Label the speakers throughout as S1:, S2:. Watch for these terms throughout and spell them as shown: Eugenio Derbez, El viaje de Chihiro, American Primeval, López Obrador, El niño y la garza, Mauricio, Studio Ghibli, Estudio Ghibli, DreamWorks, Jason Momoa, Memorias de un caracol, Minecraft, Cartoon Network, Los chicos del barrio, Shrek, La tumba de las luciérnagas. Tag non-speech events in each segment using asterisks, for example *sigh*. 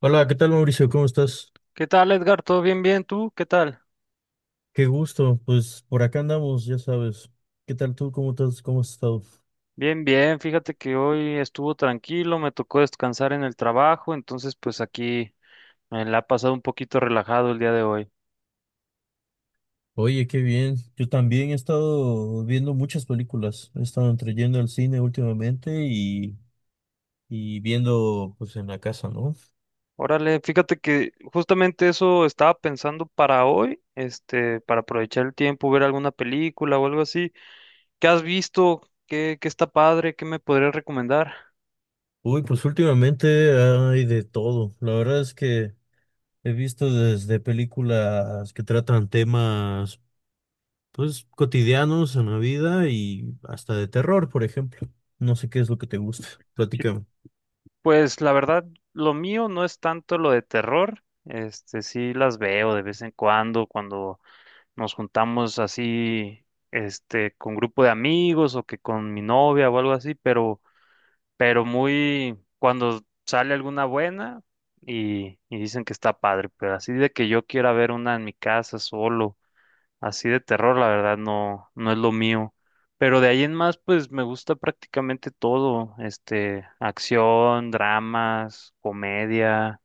S1: Hola, ¿qué tal Mauricio? ¿Cómo estás?
S2: ¿Qué tal, Edgar? ¿Todo bien? ¿Tú? ¿Qué tal?
S1: Qué gusto. Pues por acá andamos, ya sabes. ¿Qué tal tú? ¿Cómo estás? ¿Cómo has estado?
S2: Bien, bien. Fíjate que hoy estuvo tranquilo, me tocó descansar en el trabajo, entonces pues aquí me la ha pasado un poquito relajado el día de hoy.
S1: Oye, qué bien. Yo también he estado viendo muchas películas. He estado entre yendo al cine últimamente y viendo pues en la casa, ¿no?
S2: Órale, fíjate que justamente eso estaba pensando para hoy, para aprovechar el tiempo, ver alguna película o algo así. ¿Qué has visto? ¿Qué está padre? ¿Qué me podrías recomendar?
S1: Uy, pues últimamente hay de todo. La verdad es que he visto desde películas que tratan temas pues cotidianos en la vida y hasta de terror, por ejemplo. No sé qué es lo que te gusta.
S2: Sí,
S1: Platícame.
S2: pues la verdad, lo mío no es tanto lo de terror, sí las veo de vez en cuando, cuando nos juntamos así, con grupo de amigos o que con mi novia o algo así, pero muy, cuando sale alguna buena y dicen que está padre, pero así de que yo quiera ver una en mi casa solo, así de terror, la verdad no, no es lo mío. Pero de ahí en más, pues me gusta prácticamente todo, acción, dramas, comedia,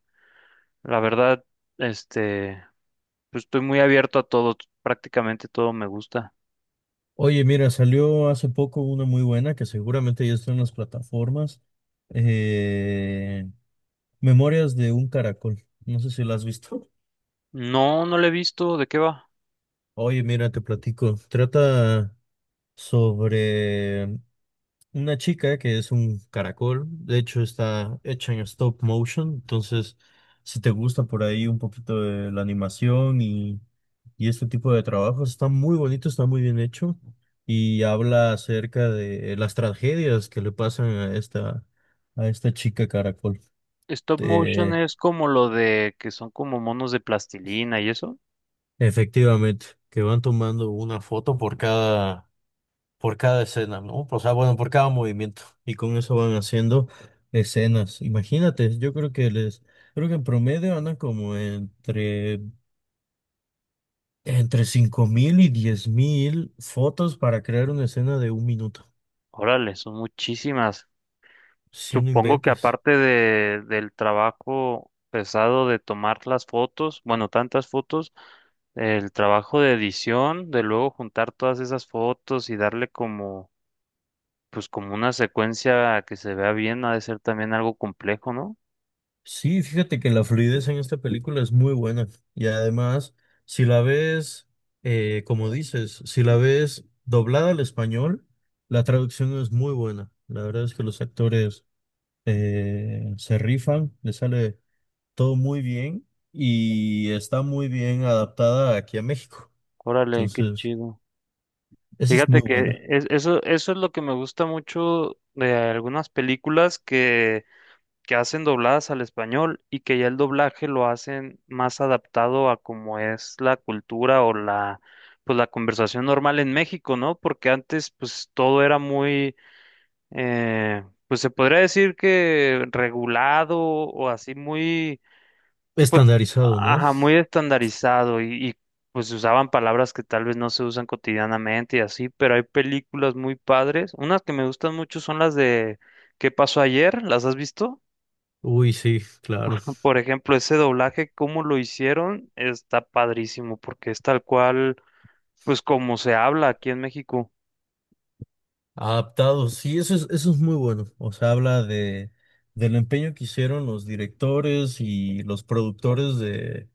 S2: la verdad, este, pues estoy muy abierto a todo, prácticamente todo me gusta.
S1: Oye, mira, salió hace poco una muy buena que seguramente ya está en las plataformas. eh, Memorias de un caracol. No sé si la has visto.
S2: No, no lo he visto. ¿De qué va?
S1: Oye, mira, te platico. Trata sobre una chica que es un caracol, de hecho está hecha en stop motion, entonces si te gusta por ahí un poquito de la animación y este tipo de trabajos, está muy bonito, está muy bien hecho y habla acerca de las tragedias que le pasan a esta chica caracol.
S2: Stop motion
S1: Eh,
S2: es como lo de que son como monos de plastilina y eso.
S1: Efectivamente, que van tomando una foto por cada escena, ¿no? O sea, bueno, por cada movimiento. Y con eso van haciendo escenas. Imagínate, yo creo que les, creo que en promedio andan como entre 5.000 y 10.000 fotos para crear una escena de 1 minuto.
S2: Órale, son muchísimas.
S1: Si no
S2: Supongo que
S1: inventes.
S2: aparte del trabajo pesado de tomar las fotos, bueno, tantas fotos, el trabajo de edición, de luego juntar todas esas fotos y darle como, pues como una secuencia que se vea bien, ha de ser también algo complejo, ¿no?
S1: Sí, fíjate que la fluidez en esta película es muy buena. Y además, si la ves, como dices, si la ves doblada al español, la traducción es muy buena. La verdad es que los actores se rifan, le sale todo muy bien y está muy bien adaptada aquí a México.
S2: Órale, qué
S1: Entonces,
S2: chido.
S1: esa es muy
S2: Fíjate
S1: buena.
S2: que eso es lo que me gusta mucho de algunas películas que hacen dobladas al español y que ya el doblaje lo hacen más adaptado a cómo es la cultura o pues la conversación normal en México, ¿no? Porque antes pues todo era muy, eh, pues se podría decir que regulado o así muy.
S1: Estandarizado, ¿no?
S2: Ajá, muy estandarizado pues usaban palabras que tal vez no se usan cotidianamente y así, pero hay películas muy padres. Unas que me gustan mucho son las de ¿Qué pasó ayer? ¿Las has visto?
S1: Uy, sí, claro.
S2: Por ejemplo, ese doblaje, cómo lo hicieron, está padrísimo porque es tal cual, pues como se habla aquí en México.
S1: Adaptado, sí, eso es muy bueno. O sea, habla de, del empeño que hicieron los directores y los productores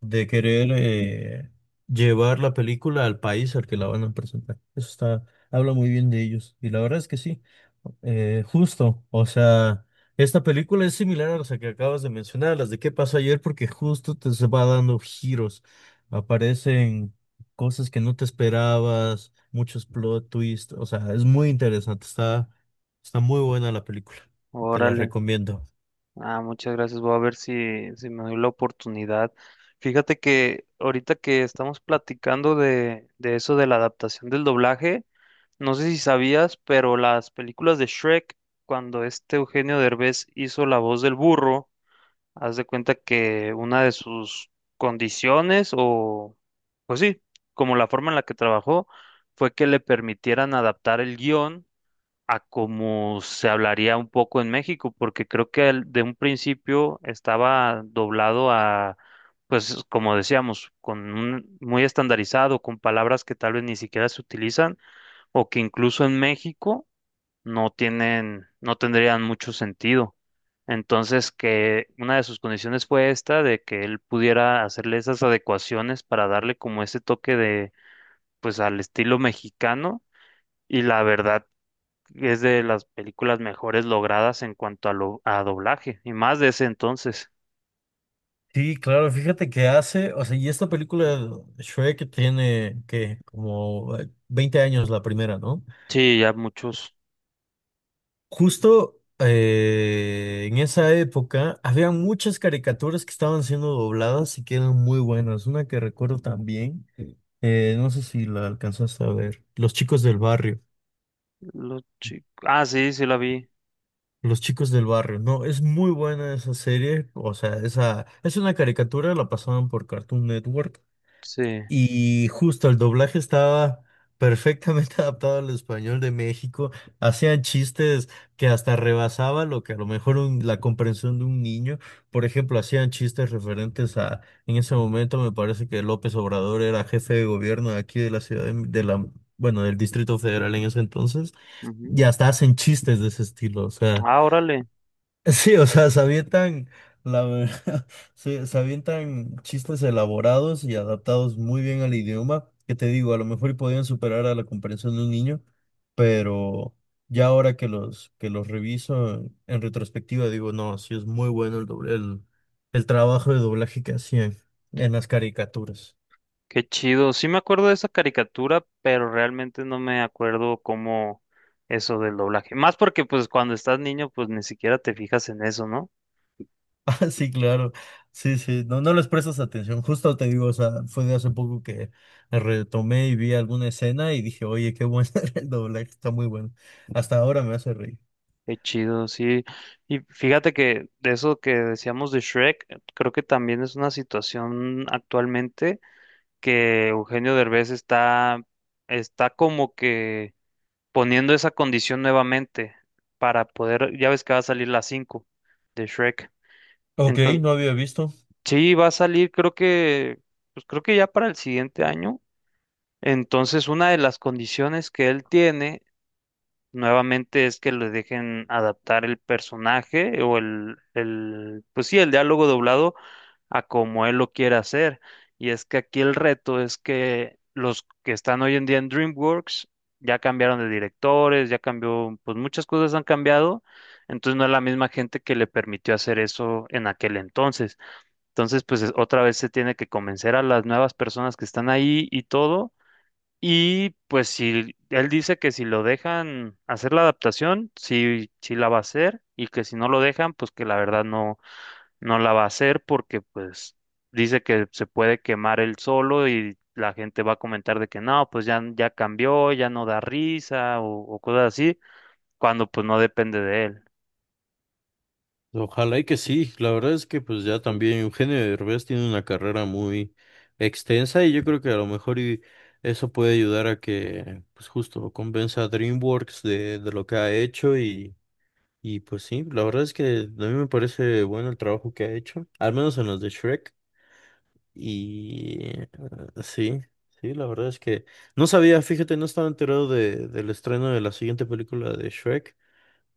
S1: de querer llevar la película al país al que la van a presentar. Eso está, habla muy bien de ellos. Y la verdad es que sí, justo. O sea, esta película es similar a las que acabas de mencionar, a las de qué pasó ayer, porque justo te se va dando giros. Aparecen cosas que no te esperabas, muchos plot twists. O sea, es muy interesante. Está, está muy buena la película. Te la
S2: Órale.
S1: recomiendo.
S2: Ah, muchas gracias. Voy a ver si me doy la oportunidad. Fíjate que ahorita que estamos platicando de eso de la adaptación del doblaje. No sé si sabías, pero las películas de Shrek, cuando este Eugenio Derbez hizo la voz del burro, haz de cuenta que una de sus condiciones, o pues sí, como la forma en la que trabajó, fue que le permitieran adaptar el guión a como se hablaría un poco en México, porque creo que de un principio estaba doblado a, pues como decíamos, con un, muy estandarizado, con palabras que tal vez ni siquiera se utilizan o que incluso en México no tienen, no tendrían mucho sentido. Entonces, que una de sus condiciones fue esta, de que él pudiera hacerle esas adecuaciones para darle como ese toque de, pues, al estilo mexicano. Y la verdad es de las películas mejores logradas en cuanto a, lo, a doblaje, y más de ese entonces.
S1: Sí, claro, fíjate que hace, o sea, y esta película Shrek tiene que como 20 años la primera, ¿no?
S2: Sí, ya muchos.
S1: Justo en esa época había muchas caricaturas que estaban siendo dobladas y que eran muy buenas. Una que recuerdo también, no sé si la alcanzaste a ver, Los chicos del barrio.
S2: Ah, sí, sí la vi.
S1: Los chicos del barrio, no, es muy buena esa serie, o sea, esa es una caricatura, la pasaban por Cartoon Network.
S2: Sí.
S1: Y justo el doblaje estaba perfectamente *laughs* adaptado al español de México. Hacían chistes que hasta rebasaba lo que a lo mejor la comprensión de un niño. Por ejemplo, hacían chistes referentes a, en ese momento me parece que López Obrador era jefe de gobierno de aquí de la ciudad de la, bueno, del Distrito Federal en ese entonces.
S2: Ujú.
S1: Y hasta hacen chistes de ese estilo. O sea.
S2: Ah, órale.
S1: Sí, o sea, se avientan, la verdad, *laughs* se avientan chistes elaborados y adaptados muy bien al idioma, que te digo, a lo mejor y podían superar a la comprensión de un niño, pero ya ahora que los reviso en retrospectiva, digo, no, sí es muy bueno el doble, el trabajo de doblaje que hacían en las caricaturas.
S2: Qué chido. Sí me acuerdo de esa caricatura, pero realmente no me acuerdo cómo eso del doblaje. Más porque pues cuando estás niño pues ni siquiera te fijas en eso, ¿no?
S1: *laughs* Ah, sí, claro. Sí, sí, no, no les prestas atención. Justo te digo, o sea, fue de hace poco que retomé y vi alguna escena y dije, oye, qué bueno *laughs* el doblaje, está muy bueno. Hasta ahora me hace reír.
S2: Qué chido, sí. Y fíjate que de eso que decíamos de Shrek, creo que también es una situación actualmente que Eugenio Derbez está como que poniendo esa condición nuevamente para poder, ya ves que va a salir la 5 de Shrek.
S1: Ok, no había visto.
S2: Sí, va a salir, pues creo que ya para el siguiente año. Entonces, una de las condiciones que él tiene nuevamente es que le dejen adaptar el personaje o pues sí, el diálogo doblado a como él lo quiera hacer. Y es que aquí el reto es que los que están hoy en día en DreamWorks ya cambiaron de directores, ya cambió, pues muchas cosas han cambiado. Entonces, no es la misma gente que le permitió hacer eso en aquel entonces. Entonces, pues otra vez se tiene que convencer a las nuevas personas que están ahí y todo. Y pues si él dice que si lo dejan hacer la adaptación, sí, sí la va a hacer y que si no lo dejan, pues que la verdad no, no la va a hacer porque pues dice que se puede quemar él solo y la gente va a comentar de que no, pues ya, ya cambió, ya no da risa o cosas así, cuando pues no depende de él.
S1: Ojalá y que sí, la verdad es que pues ya también Eugenio Derbez tiene una carrera muy extensa y yo creo que a lo mejor y eso puede ayudar a que pues justo convenza a DreamWorks de lo que ha hecho. Y pues sí, la verdad es que a mí me parece bueno el trabajo que ha hecho, al menos en los de Shrek. Y sí, sí, la verdad es que... no sabía, fíjate, no estaba enterado de, del estreno de la siguiente película de Shrek,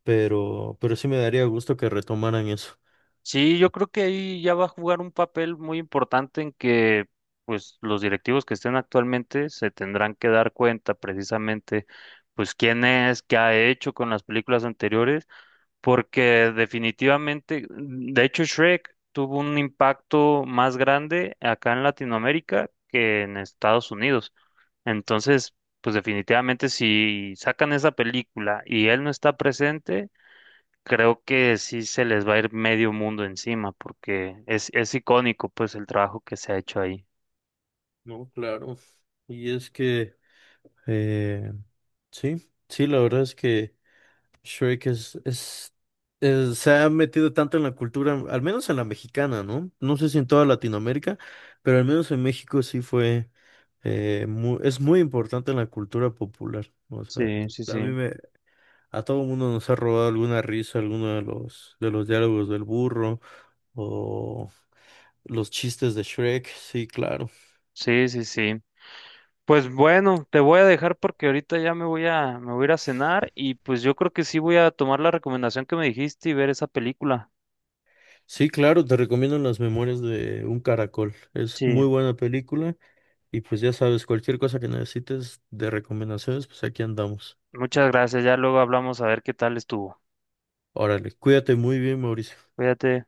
S1: pero sí me daría gusto que retomaran eso.
S2: Sí, yo creo que ahí ya va a jugar un papel muy importante en que pues los directivos que estén actualmente se tendrán que dar cuenta precisamente pues quién es, qué ha hecho con las películas anteriores, porque definitivamente, de hecho Shrek tuvo un impacto más grande acá en Latinoamérica que en Estados Unidos. Entonces, pues definitivamente si sacan esa película y él no está presente, creo que sí se les va a ir medio mundo encima porque es icónico pues el trabajo que se ha hecho ahí.
S1: No, claro. Y es que, eh, sí, sí, la verdad es que... Shrek es, se ha metido tanto en la cultura, al menos en la mexicana, ¿no? No sé si en toda Latinoamérica, pero al menos en México sí fue, es muy importante en la cultura popular. O sea,
S2: Sí, sí,
S1: a mí
S2: sí.
S1: me, a todo mundo nos ha robado alguna risa, alguno de los diálogos del burro o los chistes de Shrek. Sí, claro.
S2: Sí, sí, sí. Pues bueno, te voy a dejar porque ahorita ya me voy a ir a cenar y pues yo creo que sí voy a tomar la recomendación que me dijiste y ver esa película.
S1: Sí, claro, te recomiendo Las Memorias de un Caracol. Es
S2: Sí,
S1: muy buena película. Y pues ya sabes, cualquier cosa que necesites de recomendaciones, pues aquí andamos.
S2: muchas gracias. Ya luego hablamos a ver qué tal estuvo.
S1: Órale, cuídate muy bien, Mauricio.
S2: Cuídate.